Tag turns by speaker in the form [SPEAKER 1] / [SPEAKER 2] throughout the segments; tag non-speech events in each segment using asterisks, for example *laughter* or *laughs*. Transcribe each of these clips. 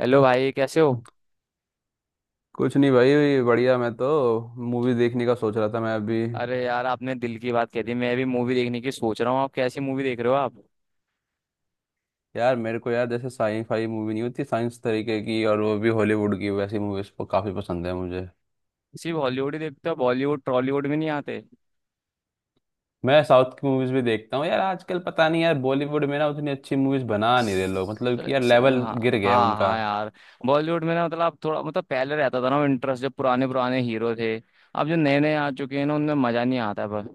[SPEAKER 1] Hello भाई, कैसे हो?
[SPEAKER 2] कुछ नहीं भाई, बढ़िया। मैं तो मूवी देखने का सोच रहा था मैं अभी।
[SPEAKER 1] अरे यार, आपने दिल की बात कह दी। मैं भी मूवी देखने की सोच रहा हूँ। आप कैसी मूवी देख रहे हो? आप
[SPEAKER 2] यार, मेरे को यार जैसे साई फाई मूवी नहीं होती, साइंस तरीके की, और वो भी हॉलीवुड की, वैसी मूवीज को काफी पसंद है मुझे।
[SPEAKER 1] सिर्फ हॉलीवुड ही देखते हो, बॉलीवुड टॉलीवुड में नहीं आते?
[SPEAKER 2] मैं साउथ की मूवीज भी देखता हूँ यार। आजकल पता नहीं यार, बॉलीवुड में ना उतनी अच्छी मूवीज बना नहीं रहे लोग।
[SPEAKER 1] स-
[SPEAKER 2] मतलब कि यार लेवल
[SPEAKER 1] हाँ।
[SPEAKER 2] गिर गया है
[SPEAKER 1] हाँ
[SPEAKER 2] उनका।
[SPEAKER 1] हाँ यार। बॉलीवुड में ना मतलब थोड़ा, मतलब पहले रहता था ना इंटरेस्ट, जब पुराने पुराने हीरो थे। अब जो नए नए आ चुके हैं ना, उनमें मजा नहीं आता, पर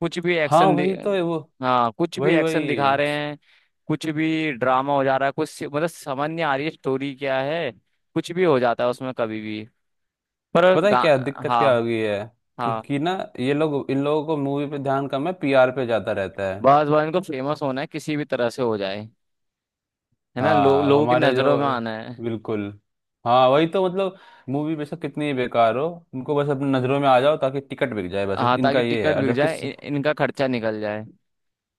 [SPEAKER 1] कुछ भी
[SPEAKER 2] हाँ,
[SPEAKER 1] एक्शन दि...
[SPEAKER 2] वही तो है वो।
[SPEAKER 1] हाँ, कुछ भी
[SPEAKER 2] वही
[SPEAKER 1] एक्शन दिखा
[SPEAKER 2] वही।
[SPEAKER 1] रहे हैं। कुछ भी ड्रामा हो जा रहा है, कुछ, मतलब समझ नहीं आ रही है स्टोरी क्या है। कुछ भी हो जाता है उसमें कभी भी। पर
[SPEAKER 2] पता है
[SPEAKER 1] गा
[SPEAKER 2] क्या दिक्कत
[SPEAKER 1] हाँ।
[SPEAKER 2] क्या हो गई है? कि,
[SPEAKER 1] हाँ।
[SPEAKER 2] कि ना, ये लोग, इन लोगों को मूवी पे ध्यान कम है, पीआर पे ज्यादा रहता है।
[SPEAKER 1] बस बस इनको फेमस होना है, किसी भी तरह से हो जाए। है ना,
[SPEAKER 2] हाँ
[SPEAKER 1] लोगों की
[SPEAKER 2] हमारे
[SPEAKER 1] नजरों
[SPEAKER 2] जो।
[SPEAKER 1] में आना है।
[SPEAKER 2] बिल्कुल। हाँ वही तो मतलब, मूवी बेशक कितनी ही बेकार हो, उनको बस अपनी नज़रों में आ जाओ ताकि टिकट बिक जाए, बस
[SPEAKER 1] हाँ,
[SPEAKER 2] इनका
[SPEAKER 1] ताकि
[SPEAKER 2] ये है।
[SPEAKER 1] टिकट
[SPEAKER 2] और
[SPEAKER 1] बिक
[SPEAKER 2] जबकि
[SPEAKER 1] जाए, इनका खर्चा निकल जाए।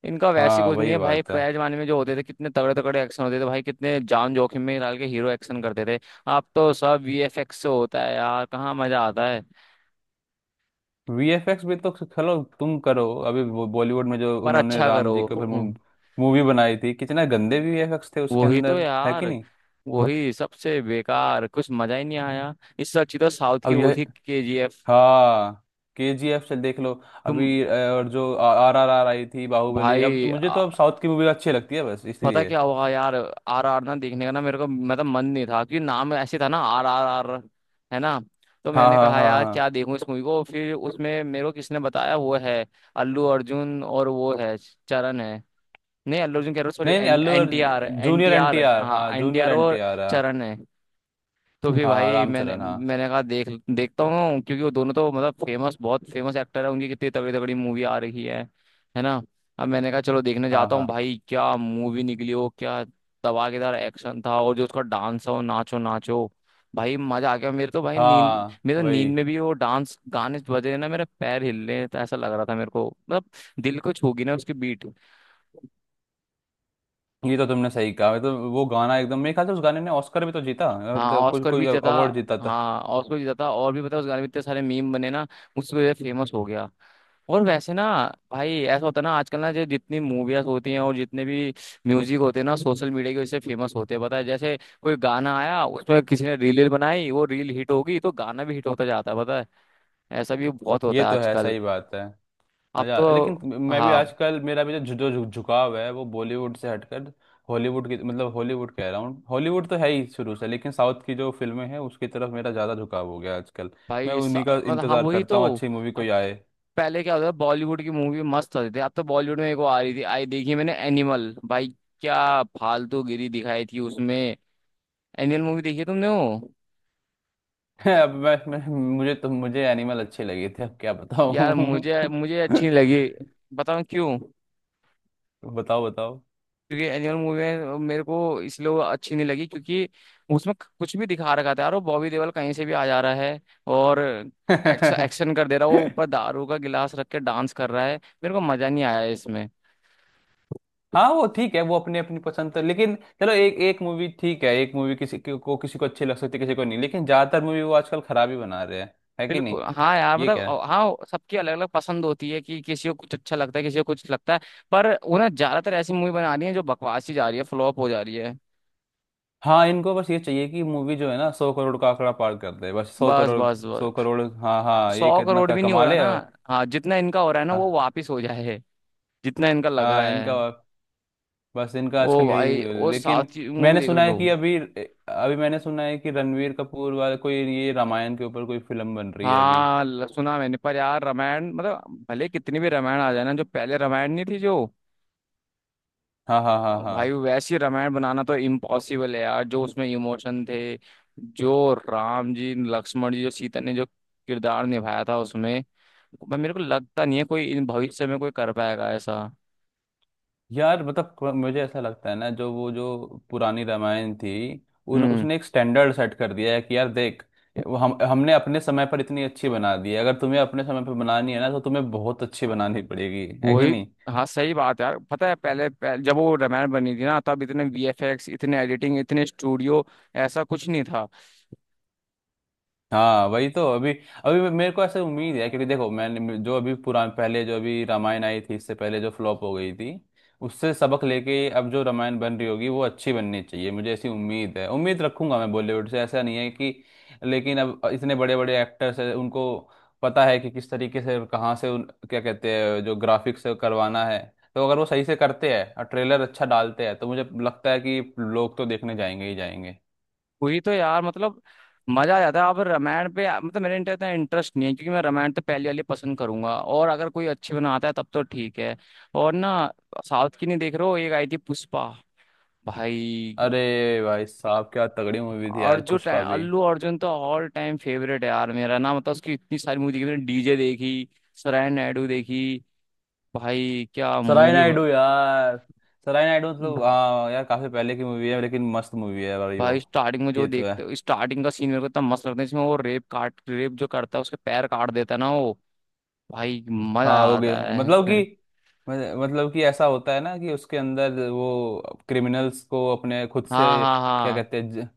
[SPEAKER 1] इनका वैसे
[SPEAKER 2] हाँ
[SPEAKER 1] कुछ नहीं
[SPEAKER 2] वही
[SPEAKER 1] है भाई।
[SPEAKER 2] बात है।
[SPEAKER 1] पहले जमाने में जो होते थे, कितने तगड़े तगड़े एक्शन होते थे भाई। कितने जान जोखिम में डाल के हीरो एक्शन करते थे। अब तो सब वीएफएक्स से होता है यार, कहाँ मजा आता है।
[SPEAKER 2] वीएफएक्स भी तो चलो तुम करो, अभी वो बॉलीवुड में जो
[SPEAKER 1] पर
[SPEAKER 2] उन्होंने
[SPEAKER 1] अच्छा
[SPEAKER 2] राम
[SPEAKER 1] करो।
[SPEAKER 2] जी के ऊपर
[SPEAKER 1] हम्म।
[SPEAKER 2] मूवी बनाई थी, कितना गंदे वीएफएक्स थे उसके
[SPEAKER 1] वही तो
[SPEAKER 2] अंदर, है
[SPEAKER 1] यार।
[SPEAKER 2] कि नहीं?
[SPEAKER 1] वही सबसे बेकार, कुछ मजा ही नहीं आया। इससे अच्छी तो साउथ
[SPEAKER 2] अब
[SPEAKER 1] की वो
[SPEAKER 2] यह,
[SPEAKER 1] थी, केजीएफ।
[SPEAKER 2] हाँ, केजीएफ से देख लो।
[SPEAKER 1] तुम
[SPEAKER 2] अभी और जो आरआरआर आई थी, बाहुबली,
[SPEAKER 1] भाई,
[SPEAKER 2] अब मुझे तो अब साउथ की मूवी अच्छी लगती है, बस
[SPEAKER 1] पता
[SPEAKER 2] इसलिए।
[SPEAKER 1] क्या हुआ यार, आर आर ना देखने का ना मेरे को, मतलब मन नहीं था, क्योंकि नाम ऐसे था ना, आर आर आर। है ना। तो
[SPEAKER 2] हाँ
[SPEAKER 1] मैंने
[SPEAKER 2] हाँ
[SPEAKER 1] कहा
[SPEAKER 2] हाँ
[SPEAKER 1] यार, क्या
[SPEAKER 2] हाँ।
[SPEAKER 1] देखूं इस मूवी को। फिर उसमें मेरे को किसने बताया, वो है अल्लू अर्जुन और वो है चरण है। नहीं, अल्लू अर्जुन कह रहा हूँ सॉरी।
[SPEAKER 2] नहीं नहीं, अल्लू
[SPEAKER 1] NTR,
[SPEAKER 2] Arjun,
[SPEAKER 1] N
[SPEAKER 2] junior
[SPEAKER 1] T
[SPEAKER 2] N
[SPEAKER 1] R,
[SPEAKER 2] T R, हाँ,
[SPEAKER 1] हाँ N T
[SPEAKER 2] junior
[SPEAKER 1] R
[SPEAKER 2] N
[SPEAKER 1] और
[SPEAKER 2] टी आर, हाँ।
[SPEAKER 1] चरण है। तो फिर
[SPEAKER 2] हाँ हाँ,
[SPEAKER 1] भाई मैंने
[SPEAKER 2] रामचरण, हाँ
[SPEAKER 1] मैंने कहा, देख, देखता हूँ, क्योंकि वो दोनों तो मतलब फेमस, बहुत फेमस एक्टर है। उनकी कितनी तगड़ी तगड़ी मूवी आ रही है। है ना। अब मैंने कहा चलो देखने
[SPEAKER 2] हाँ
[SPEAKER 1] जाता हूँ
[SPEAKER 2] हाँ
[SPEAKER 1] भाई, क्या मूवी निकली हो क्या। धमाकेदार एक्शन था, और जो उसका डांस हो, नाचो नाचो, भाई मजा आ गया। मेरे तो भाई नींद,
[SPEAKER 2] हाँ,
[SPEAKER 1] मेरे तो नींद
[SPEAKER 2] वही।
[SPEAKER 1] में भी वो डांस गाने बज रहे ना, मेरे पैर हिल रहे हैं। तो ऐसा लग रहा था मेरे को, मतलब दिल को छू गई ना उसकी बीट।
[SPEAKER 2] ये तो तुमने सही कहा, तो वो गाना एकदम, मेरे ख्याल से उस गाने ने ऑस्कर भी तो जीता,
[SPEAKER 1] हाँ
[SPEAKER 2] मतलब कोई
[SPEAKER 1] ऑस्कर भी
[SPEAKER 2] कोई
[SPEAKER 1] ज्यादा।
[SPEAKER 2] अवार्ड जीता था।
[SPEAKER 1] हाँ ऑस्कर भी ज्यादा, और भी पता है, उस गाने में इतने सारे मीम बने ना, उस वजह से फेमस हो गया। और वैसे ना भाई, ऐसा होता है ना आजकल ना, जो जितनी मूवीज होती हैं और जितने भी म्यूजिक होते हैं ना, सोशल मीडिया की वजह से फेमस होते हैं, पता है। जैसे कोई गाना आया, उसमें किसी ने रील बनाई, वो रील हिट होगी तो गाना भी हिट होता जाता है, पता है। ऐसा भी बहुत
[SPEAKER 2] ये
[SPEAKER 1] होता है
[SPEAKER 2] तो है,
[SPEAKER 1] आजकल।
[SPEAKER 2] सही बात है।
[SPEAKER 1] अब
[SPEAKER 2] मजा, लेकिन
[SPEAKER 1] तो
[SPEAKER 2] मैं भी
[SPEAKER 1] हाँ
[SPEAKER 2] आजकल, मेरा भी जो जो जो झुकाव है वो बॉलीवुड से हटकर हॉलीवुड की, मतलब हॉलीवुड कह रहा हूँ, हॉलीवुड तो है ही शुरू से, लेकिन साउथ की जो फिल्में हैं उसकी तरफ मेरा ज़्यादा झुकाव हो गया आजकल। मैं
[SPEAKER 1] भाई,
[SPEAKER 2] उन्हीं का
[SPEAKER 1] मतलब हाँ,
[SPEAKER 2] इंतज़ार
[SPEAKER 1] वही
[SPEAKER 2] करता
[SPEAKER 1] तो।
[SPEAKER 2] हूँ, अच्छी मूवी कोई आए।
[SPEAKER 1] पहले क्या होता था, बॉलीवुड की मूवी मस्त होती थी। अब तो बॉलीवुड में एक वो आ रही थी, आई देखी मैंने, एनिमल भाई। क्या फालतू गिरी दिखाई थी उसमें। एनिमल मूवी देखी है तुमने वो?
[SPEAKER 2] *laughs* अब मैं मुझे एनिमल अच्छे लगे थे, अब क्या
[SPEAKER 1] यार
[SPEAKER 2] बताऊं।
[SPEAKER 1] मुझे मुझे अच्छी नहीं
[SPEAKER 2] *laughs*
[SPEAKER 1] लगी। बताऊं क्यों?
[SPEAKER 2] बताओ बताओ।
[SPEAKER 1] क्योंकि एनिमल मूवी में मेरे को, इसलिए वो अच्छी नहीं लगी क्योंकि उसमें कुछ भी दिखा रखा था यार। वो बॉबी देओल कहीं से भी आ जा रहा है, और एक्शन
[SPEAKER 2] *laughs*
[SPEAKER 1] एक्शन कर दे रहा है, वो ऊपर दारू का गिलास रख के डांस कर रहा है। मेरे को मजा नहीं आया इसमें।
[SPEAKER 2] हाँ वो ठीक है, वो अपने अपनी पसंद तो, लेकिन चलो एक एक मूवी ठीक है, एक मूवी किसी को किसी को अच्छी लग सकती है, किसी को नहीं, लेकिन ज्यादातर मूवी वो आजकल खराब ही बना रहे हैं, है कि नहीं?
[SPEAKER 1] बिल्कुल हाँ यार,
[SPEAKER 2] ये
[SPEAKER 1] मतलब
[SPEAKER 2] क्या है?
[SPEAKER 1] हाँ सबकी अलग अलग पसंद होती है, कि किसी को कुछ अच्छा लगता है, किसी को कुछ लगता है। पर उन्हें ज्यादातर ऐसी मूवी बनानी है जो बकवास ही जा रही है, फ्लॉप हो जा रही है।
[SPEAKER 2] हाँ, इनको बस ये चाहिए कि मूवी जो है ना सौ करोड़ का आंकड़ा पार कर दे, बस सौ
[SPEAKER 1] बस
[SPEAKER 2] करोड़।
[SPEAKER 1] बस
[SPEAKER 2] सौ
[SPEAKER 1] बस।
[SPEAKER 2] करोड़, हाँ हाँ, ये
[SPEAKER 1] सौ
[SPEAKER 2] कितना
[SPEAKER 1] करोड़
[SPEAKER 2] का
[SPEAKER 1] भी नहीं हो
[SPEAKER 2] कमा
[SPEAKER 1] रहा
[SPEAKER 2] ले,
[SPEAKER 1] ना।
[SPEAKER 2] और
[SPEAKER 1] हाँ, जितना इनका हो रहा है ना वो
[SPEAKER 2] हाँ
[SPEAKER 1] वापिस हो जाए, जितना इनका लग
[SPEAKER 2] हाँ,
[SPEAKER 1] रहा
[SPEAKER 2] इनका,
[SPEAKER 1] है।
[SPEAKER 2] बस इनका
[SPEAKER 1] वो
[SPEAKER 2] आजकल
[SPEAKER 1] भाई,
[SPEAKER 2] यही,
[SPEAKER 1] वो साउथ
[SPEAKER 2] लेकिन
[SPEAKER 1] की मूवी
[SPEAKER 2] मैंने
[SPEAKER 1] देख
[SPEAKER 2] सुना है
[SPEAKER 1] लो।
[SPEAKER 2] कि अभी अभी मैंने सुना है कि रणवीर कपूर वाला कोई ये रामायण के ऊपर कोई फिल्म बन रही है अभी।
[SPEAKER 1] हाँ, सुना मैंने, पर यार रामायण, मतलब भले कितनी भी रामायण आ जाए ना, जो पहले रामायण नहीं थी जो,
[SPEAKER 2] हाँ हाँ हाँ
[SPEAKER 1] भाई
[SPEAKER 2] हाँ।
[SPEAKER 1] वैसी रामायण बनाना तो इम्पॉसिबल है यार। जो उसमें इमोशन थे, जो राम जी, लक्ष्मण जी, जो सीता ने जो किरदार निभाया था उसमें, भाई मेरे को लगता नहीं है कोई इन भविष्य में कोई कर पाएगा ऐसा।
[SPEAKER 2] यार मतलब मुझे ऐसा लगता है ना, जो वो जो पुरानी रामायण थी, उन
[SPEAKER 1] हम्म।
[SPEAKER 2] उसने एक स्टैंडर्ड सेट कर दिया है कि यार देख, वो हम हमने अपने समय पर इतनी अच्छी बना दी है, अगर तुम्हें अपने समय पर बनानी है ना तो तुम्हें बहुत अच्छी बनानी पड़ेगी, है कि
[SPEAKER 1] वही।
[SPEAKER 2] नहीं?
[SPEAKER 1] हाँ सही बात है यार। पता है पहले जब वो रामायण बनी थी ना, तब इतने वीएफएक्स, इतने एडिटिंग, इतने स्टूडियो, ऐसा कुछ नहीं था।
[SPEAKER 2] हाँ वही तो अभी। अभी मेरे को ऐसे उम्मीद है, क्योंकि देखो मैंने जो अभी पुरान पहले जो अभी रामायण आई थी इससे पहले जो फ्लॉप हो गई थी, उससे सबक लेके अब जो रामायण बन रही होगी वो अच्छी बननी चाहिए, मुझे ऐसी उम्मीद है, उम्मीद रखूंगा मैं, बॉलीवुड से ऐसा नहीं है कि, लेकिन अब इतने बड़े बड़े एक्टर्स हैं, उनको पता है कि किस तरीके से और कहाँ से उन, क्या कहते हैं, जो ग्राफिक्स करवाना है, तो अगर वो सही से करते हैं और ट्रेलर अच्छा डालते हैं, तो मुझे लगता है कि लोग तो देखने जाएंगे ही जाएंगे।
[SPEAKER 1] वही तो यार, मतलब मजा आ जाता है। आप रामायण पे, मतलब मेरे इंटर इतना इंटरेस्ट नहीं है, क्योंकि मैं रामायण तो पहली वाली पसंद करूंगा, और अगर कोई अच्छी बनाता है तब तो ठीक है। और ना, साउथ की नहीं देख रहे हो, एक आई थी पुष्पा भाई।
[SPEAKER 2] अरे भाई साहब, क्या तगड़ी मूवी थी यार
[SPEAKER 1] अर्जुन टाइम
[SPEAKER 2] पुष्पा भी।
[SPEAKER 1] अल्लू अर्जुन तो ऑल टाइम फेवरेट है यार मेरा ना, मतलब उसकी इतनी सारी मूवी देखी मैंने। डीजे देखी, सराय नायडू देखी, भाई क्या
[SPEAKER 2] सराय
[SPEAKER 1] मूवी।
[SPEAKER 2] नायडू यार, सराय नायडू मतलब, हाँ यार काफी पहले की मूवी है, लेकिन मस्त मूवी है भाई वो।
[SPEAKER 1] भाई स्टार्टिंग में जो
[SPEAKER 2] ये तो है।
[SPEAKER 1] देखते, स्टार्टिंग का सीन मेरे को इतना मस्त लगता है इसमें। वो रेप जो करता है उसके पैर काट देता है ना वो, भाई मजा
[SPEAKER 2] हाँ,
[SPEAKER 1] आ
[SPEAKER 2] हो गया
[SPEAKER 1] रहा
[SPEAKER 2] मतलब कि
[SPEAKER 1] है। *laughs*
[SPEAKER 2] मतलब कि ऐसा होता है ना कि उसके अंदर वो क्रिमिनल्स को अपने खुद से,
[SPEAKER 1] हाँ हाँ
[SPEAKER 2] क्या
[SPEAKER 1] हाँ।
[SPEAKER 2] कहते हैं,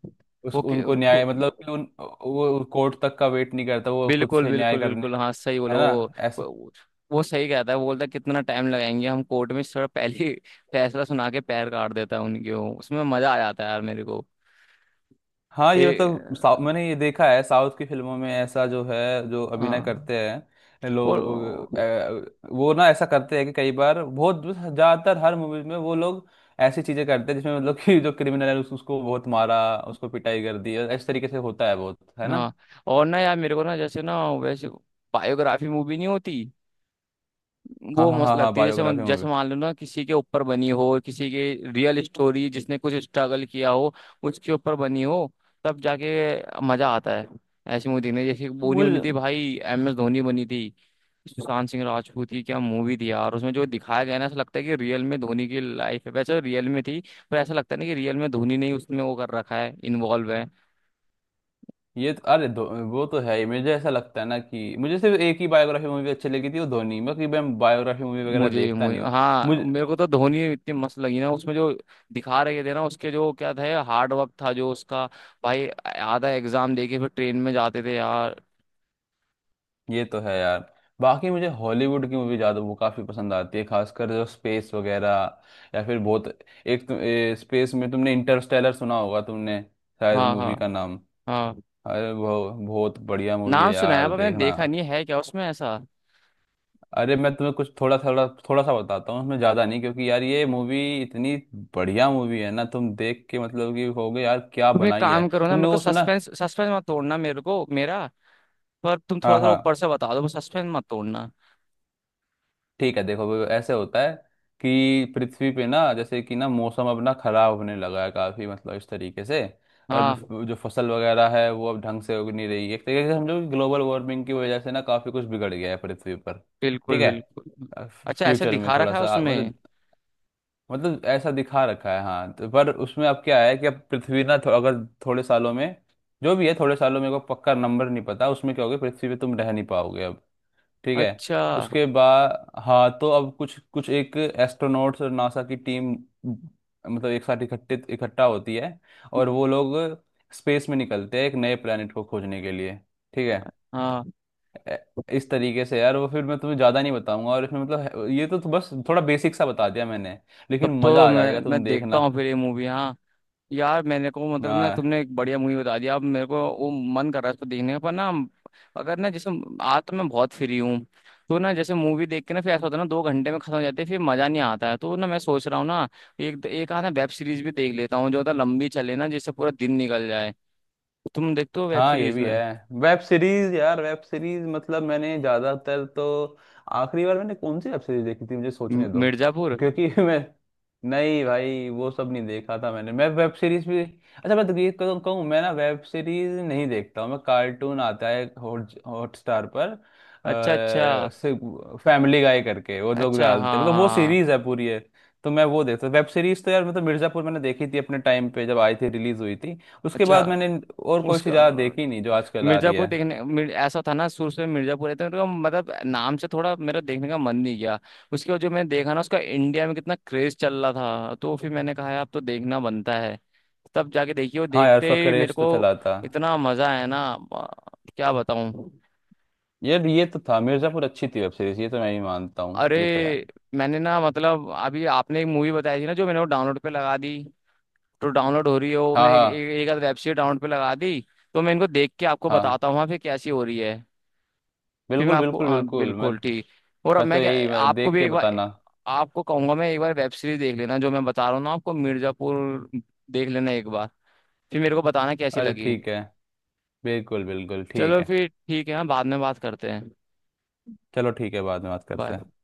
[SPEAKER 2] उस
[SPEAKER 1] वो कि-
[SPEAKER 2] उनको
[SPEAKER 1] को-
[SPEAKER 2] न्याय, मतलब कि उन वो कोर्ट तक का वेट नहीं करता, वो खुद
[SPEAKER 1] बिल्कुल
[SPEAKER 2] से न्याय
[SPEAKER 1] बिल्कुल
[SPEAKER 2] करने,
[SPEAKER 1] बिल्कुल, हाँ सही
[SPEAKER 2] है
[SPEAKER 1] बोलो।
[SPEAKER 2] ना।
[SPEAKER 1] वो वो सही कहता है, वो बोलता है कितना टाइम लगाएंगे हम कोर्ट में, थोड़ा पहले *laughs* ही फैसला सुना के पैर काट देता है उनके। वो उसमें मजा आ जाता है यार मेरे को।
[SPEAKER 2] हाँ
[SPEAKER 1] ए
[SPEAKER 2] ये मतलब मैंने ये देखा है साउथ की फिल्मों में, ऐसा जो है, जो अभिनय
[SPEAKER 1] हाँ।
[SPEAKER 2] करते हैं लोग,
[SPEAKER 1] और,
[SPEAKER 2] वो ना ऐसा करते हैं कि कई बार बहुत ज्यादातर हर मूवीज में वो लोग ऐसी चीजें करते हैं जिसमें मतलब कि जो क्रिमिनल है उसको बहुत मारा, उसको पिटाई कर दी, इस तरीके से होता है बहुत, है ना।
[SPEAKER 1] हाँ, और ना यार, मेरे को ना जैसे ना, वैसे बायोग्राफी मूवी नहीं होती,
[SPEAKER 2] हाँ
[SPEAKER 1] वो
[SPEAKER 2] हाँ
[SPEAKER 1] मस्त
[SPEAKER 2] हाँ हाँ,
[SPEAKER 1] लगती है। जैसे
[SPEAKER 2] बायोग्राफी
[SPEAKER 1] जैसे
[SPEAKER 2] मूवी।
[SPEAKER 1] मान लो ना, किसी के ऊपर बनी हो, किसी के रियल स्टोरी जिसने कुछ स्ट्रगल किया हो, उसके ऊपर बनी हो, तब जाके मजा आता है ऐसी मूवी देखने। जैसे बोनी बनी
[SPEAKER 2] मुझे
[SPEAKER 1] थी भाई एमएस धोनी बनी थी, सुशांत सिंह राजपूत की। क्या मूवी थी यार, उसमें जो दिखाया गया है ना, ऐसा लगता है कि रियल में धोनी की लाइफ है, वैसे रियल में थी। पर ऐसा लगता है ना कि रियल में धोनी ने ही उसमें वो कर रखा है, इन्वॉल्व है।
[SPEAKER 2] ये तो- अरे धो- वो तो है ही, मुझे ऐसा लगता है ना कि मुझे सिर्फ एक ही बायोग्राफी मूवी अच्छी लगी थी, वो धोनी। बाकी मैं बायोग्राफी मूवी वगैरह
[SPEAKER 1] मुझे
[SPEAKER 2] देखता
[SPEAKER 1] मुझे
[SPEAKER 2] नहीं। हूँ
[SPEAKER 1] हाँ, मेरे को तो धोनी इतनी मस्त लगी ना। उसमें जो दिखा रहे थे ना उसके, जो क्या था हार्ड वर्क था जो उसका, भाई आधा एग्जाम देके फिर ट्रेन में जाते थे यार।
[SPEAKER 2] ये तो है यार। बाकी मुझे हॉलीवुड की मूवी ज़्यादा वो काफ़ी पसंद आती है, खासकर जो स्पेस वगैरह, या फिर बहुत, एक तो, स्पेस में तुमने इंटरस्टेलर सुना होगा तुमने, शायद,
[SPEAKER 1] हाँ हाँ।
[SPEAKER 2] मूवी का नाम।
[SPEAKER 1] हाँ।
[SPEAKER 2] अरे वो बहुत बढ़िया मूवी
[SPEAKER 1] नाम
[SPEAKER 2] है
[SPEAKER 1] सुना है
[SPEAKER 2] यार,
[SPEAKER 1] पर मैंने
[SPEAKER 2] देखना।
[SPEAKER 1] देखा नहीं है। क्या उसमें ऐसा?
[SPEAKER 2] अरे मैं तुम्हें कुछ थोड़ा थोड़ा थोड़ा सा बताता हूँ, उसमें ज़्यादा नहीं, क्योंकि यार ये मूवी इतनी बढ़िया मूवी है ना, तुम देख के मतलब कि होगे यार क्या
[SPEAKER 1] तुम एक
[SPEAKER 2] बनाई है।
[SPEAKER 1] काम करो ना, मेरे
[SPEAKER 2] तुमने
[SPEAKER 1] को
[SPEAKER 2] वो सुना?
[SPEAKER 1] सस्पेंस सस्पेंस मत तोड़ना, मेरे को मेरा पर तुम थोड़ा
[SPEAKER 2] हाँ
[SPEAKER 1] थोड़ा ऊपर
[SPEAKER 2] हाँ।
[SPEAKER 1] से बता दो, सस्पेंस मत तोड़ना।
[SPEAKER 2] ठीक है, देखो वो ऐसे होता है कि पृथ्वी पे ना, जैसे कि ना मौसम अब ना खराब होने लगा है काफी, मतलब इस तरीके से, और
[SPEAKER 1] हाँ
[SPEAKER 2] जो फसल वगैरह है वो अब ढंग से उग नहीं रही है, एक तरीके से समझो ग्लोबल वार्मिंग की वजह से ना काफी कुछ बिगड़ गया है पृथ्वी पर। ठीक
[SPEAKER 1] बिल्कुल
[SPEAKER 2] है,
[SPEAKER 1] बिल्कुल। अच्छा, ऐसे
[SPEAKER 2] फ्यूचर में
[SPEAKER 1] दिखा
[SPEAKER 2] थोड़ा
[SPEAKER 1] रखा है
[SPEAKER 2] सा
[SPEAKER 1] उसमें?
[SPEAKER 2] मतलब, मतलब ऐसा दिखा रखा है हाँ, तो पर उसमें अब क्या है कि अब पृथ्वी ना अगर थोड़े सालों में, जो भी है थोड़े सालों में, को पक्का नंबर नहीं पता उसमें क्या होगा, पृथ्वी पे तुम रह नहीं पाओगे अब। ठीक है।
[SPEAKER 1] अच्छा।
[SPEAKER 2] उसके बाद हाँ, तो अब कुछ कुछ एक एस्ट्रोनॉट्स और नासा की टीम, मतलब एक साथ इकट्ठे इकट्ठा होती है, और वो लोग स्पेस में निकलते हैं एक नए प्लेनेट को खोजने के लिए। ठीक है।
[SPEAKER 1] हाँ।
[SPEAKER 2] ए- इस तरीके से यार, वो फिर मैं तुम्हें ज़्यादा नहीं बताऊंगा, और इसमें तो बस थोड़ा बेसिक सा बता दिया मैंने,
[SPEAKER 1] तब
[SPEAKER 2] लेकिन
[SPEAKER 1] तो
[SPEAKER 2] मज़ा आ
[SPEAKER 1] मैं
[SPEAKER 2] जाएगा, तुम
[SPEAKER 1] मैं देखता
[SPEAKER 2] देखना।
[SPEAKER 1] हूँ फिर ये मूवी। हाँ यार, मैंने को मतलब ना,
[SPEAKER 2] हाँ।
[SPEAKER 1] तुमने एक बढ़िया मूवी बता दिया। अब मेरे को वो मन कर रहा है इसको देखने का, पर ना, अगर ना जैसे, आज तो मैं बहुत फ्री हूँ। तो ना जैसे मूवी देख के ना, फिर ऐसा होता है ना, 2 घंटे में खत्म हो जाते हैं, फिर मजा नहीं आता है। तो ना मैं सोच रहा हूँ ना, एक एक आधा वेब सीरीज भी देख लेता हूँ, जो मतलब लंबी चले ना, जिससे पूरा दिन निकल जाए। तुम देखते हो वेब
[SPEAKER 2] हाँ ये
[SPEAKER 1] सीरीज?
[SPEAKER 2] भी है।
[SPEAKER 1] में
[SPEAKER 2] वेब सीरीज, यार वेब सीरीज मतलब मैंने ज्यादातर तो, आखिरी बार मैंने कौन सी वेब सीरीज देखी थी, मुझे सोचने दो,
[SPEAKER 1] मिर्जापुर।
[SPEAKER 2] क्योंकि *laughs* मैं, नहीं भाई वो सब नहीं देखा था मैंने, मैं वेब सीरीज भी, अच्छा, मैं तो ये कहूँ, मैं ना वेब सीरीज नहीं देखता हूँ, मैं, कार्टून आता है हॉटस्टार पर,
[SPEAKER 1] अच्छा अच्छा।
[SPEAKER 2] फैमिली गाय करके वो लोग
[SPEAKER 1] अच्छा हाँ
[SPEAKER 2] डालते, मतलब वो
[SPEAKER 1] हाँ, हाँ,
[SPEAKER 2] सीरीज है पूरी है, तो मैं वो देखता। वेब सीरीज तो यार मतलब मिर्जापुर मैंने देखी थी अपने टाइम पे जब आई थी रिलीज हुई थी, उसके
[SPEAKER 1] अच्छा।
[SPEAKER 2] बाद मैंने और कोई सी
[SPEAKER 1] उसका
[SPEAKER 2] ज़्यादा देखी नहीं जो आजकल आ रही
[SPEAKER 1] मिर्जापुर
[SPEAKER 2] है।
[SPEAKER 1] देखने, ऐसा था ना, शुरू से मिर्जापुर रहते हैं तो मतलब नाम से थोड़ा मेरा देखने का मन नहीं गया। उसके बाद जो मैंने देखा ना, उसका इंडिया में कितना क्रेज चल रहा था, तो फिर मैंने कहा यार अब तो देखना बनता है। तब जाके देखिए, वो
[SPEAKER 2] हाँ यार,
[SPEAKER 1] देखते
[SPEAKER 2] उसका
[SPEAKER 1] ही मेरे
[SPEAKER 2] क्रेज तो
[SPEAKER 1] को
[SPEAKER 2] चला था।
[SPEAKER 1] इतना मजा आया ना। आ, क्या बताऊं।
[SPEAKER 2] यार ये तो था, मिर्ज़ापुर अच्छी थी वेब सीरीज, ये तो मैं ही मानता हूँ,
[SPEAKER 1] अरे,
[SPEAKER 2] ये तो है।
[SPEAKER 1] मैंने ना मतलब, अभी आपने एक मूवी बताई थी ना, जो मैंने वो डाउनलोड पे लगा दी, तो डाउनलोड हो रही है वो।
[SPEAKER 2] हाँ
[SPEAKER 1] मैंने एक
[SPEAKER 2] हाँ
[SPEAKER 1] एक एक आध वेब सीरीज डाउनलोड पे लगा दी। तो मैं इनको देख के आपको
[SPEAKER 2] हाँ।
[SPEAKER 1] बताता हूँ, हाँ, फिर कैसी हो रही है। फिर मैं
[SPEAKER 2] बिल्कुल
[SPEAKER 1] आपको,
[SPEAKER 2] बिल्कुल
[SPEAKER 1] हाँ,
[SPEAKER 2] बिल्कुल, मैं
[SPEAKER 1] बिल्कुल ठीक। और अब
[SPEAKER 2] मैं तो
[SPEAKER 1] मैं क्या,
[SPEAKER 2] यही, मैं
[SPEAKER 1] आपको
[SPEAKER 2] देख
[SPEAKER 1] भी
[SPEAKER 2] के
[SPEAKER 1] एक बार,
[SPEAKER 2] बताना।
[SPEAKER 1] आपको कहूंगा मैं एक बार वेब सीरीज देख लेना। जो मैं बता रहा हूँ ना आपको, मिर्जापुर, देख लेना एक बार, फिर मेरे को बताना कैसी
[SPEAKER 2] अरे
[SPEAKER 1] लगी।
[SPEAKER 2] ठीक है, बिल्कुल बिल्कुल ठीक
[SPEAKER 1] चलो
[SPEAKER 2] है।
[SPEAKER 1] फिर ठीक है, हाँ, बाद में बात करते हैं।
[SPEAKER 2] चलो ठीक है, बाद में बात करते
[SPEAKER 1] बाय।
[SPEAKER 2] हैं।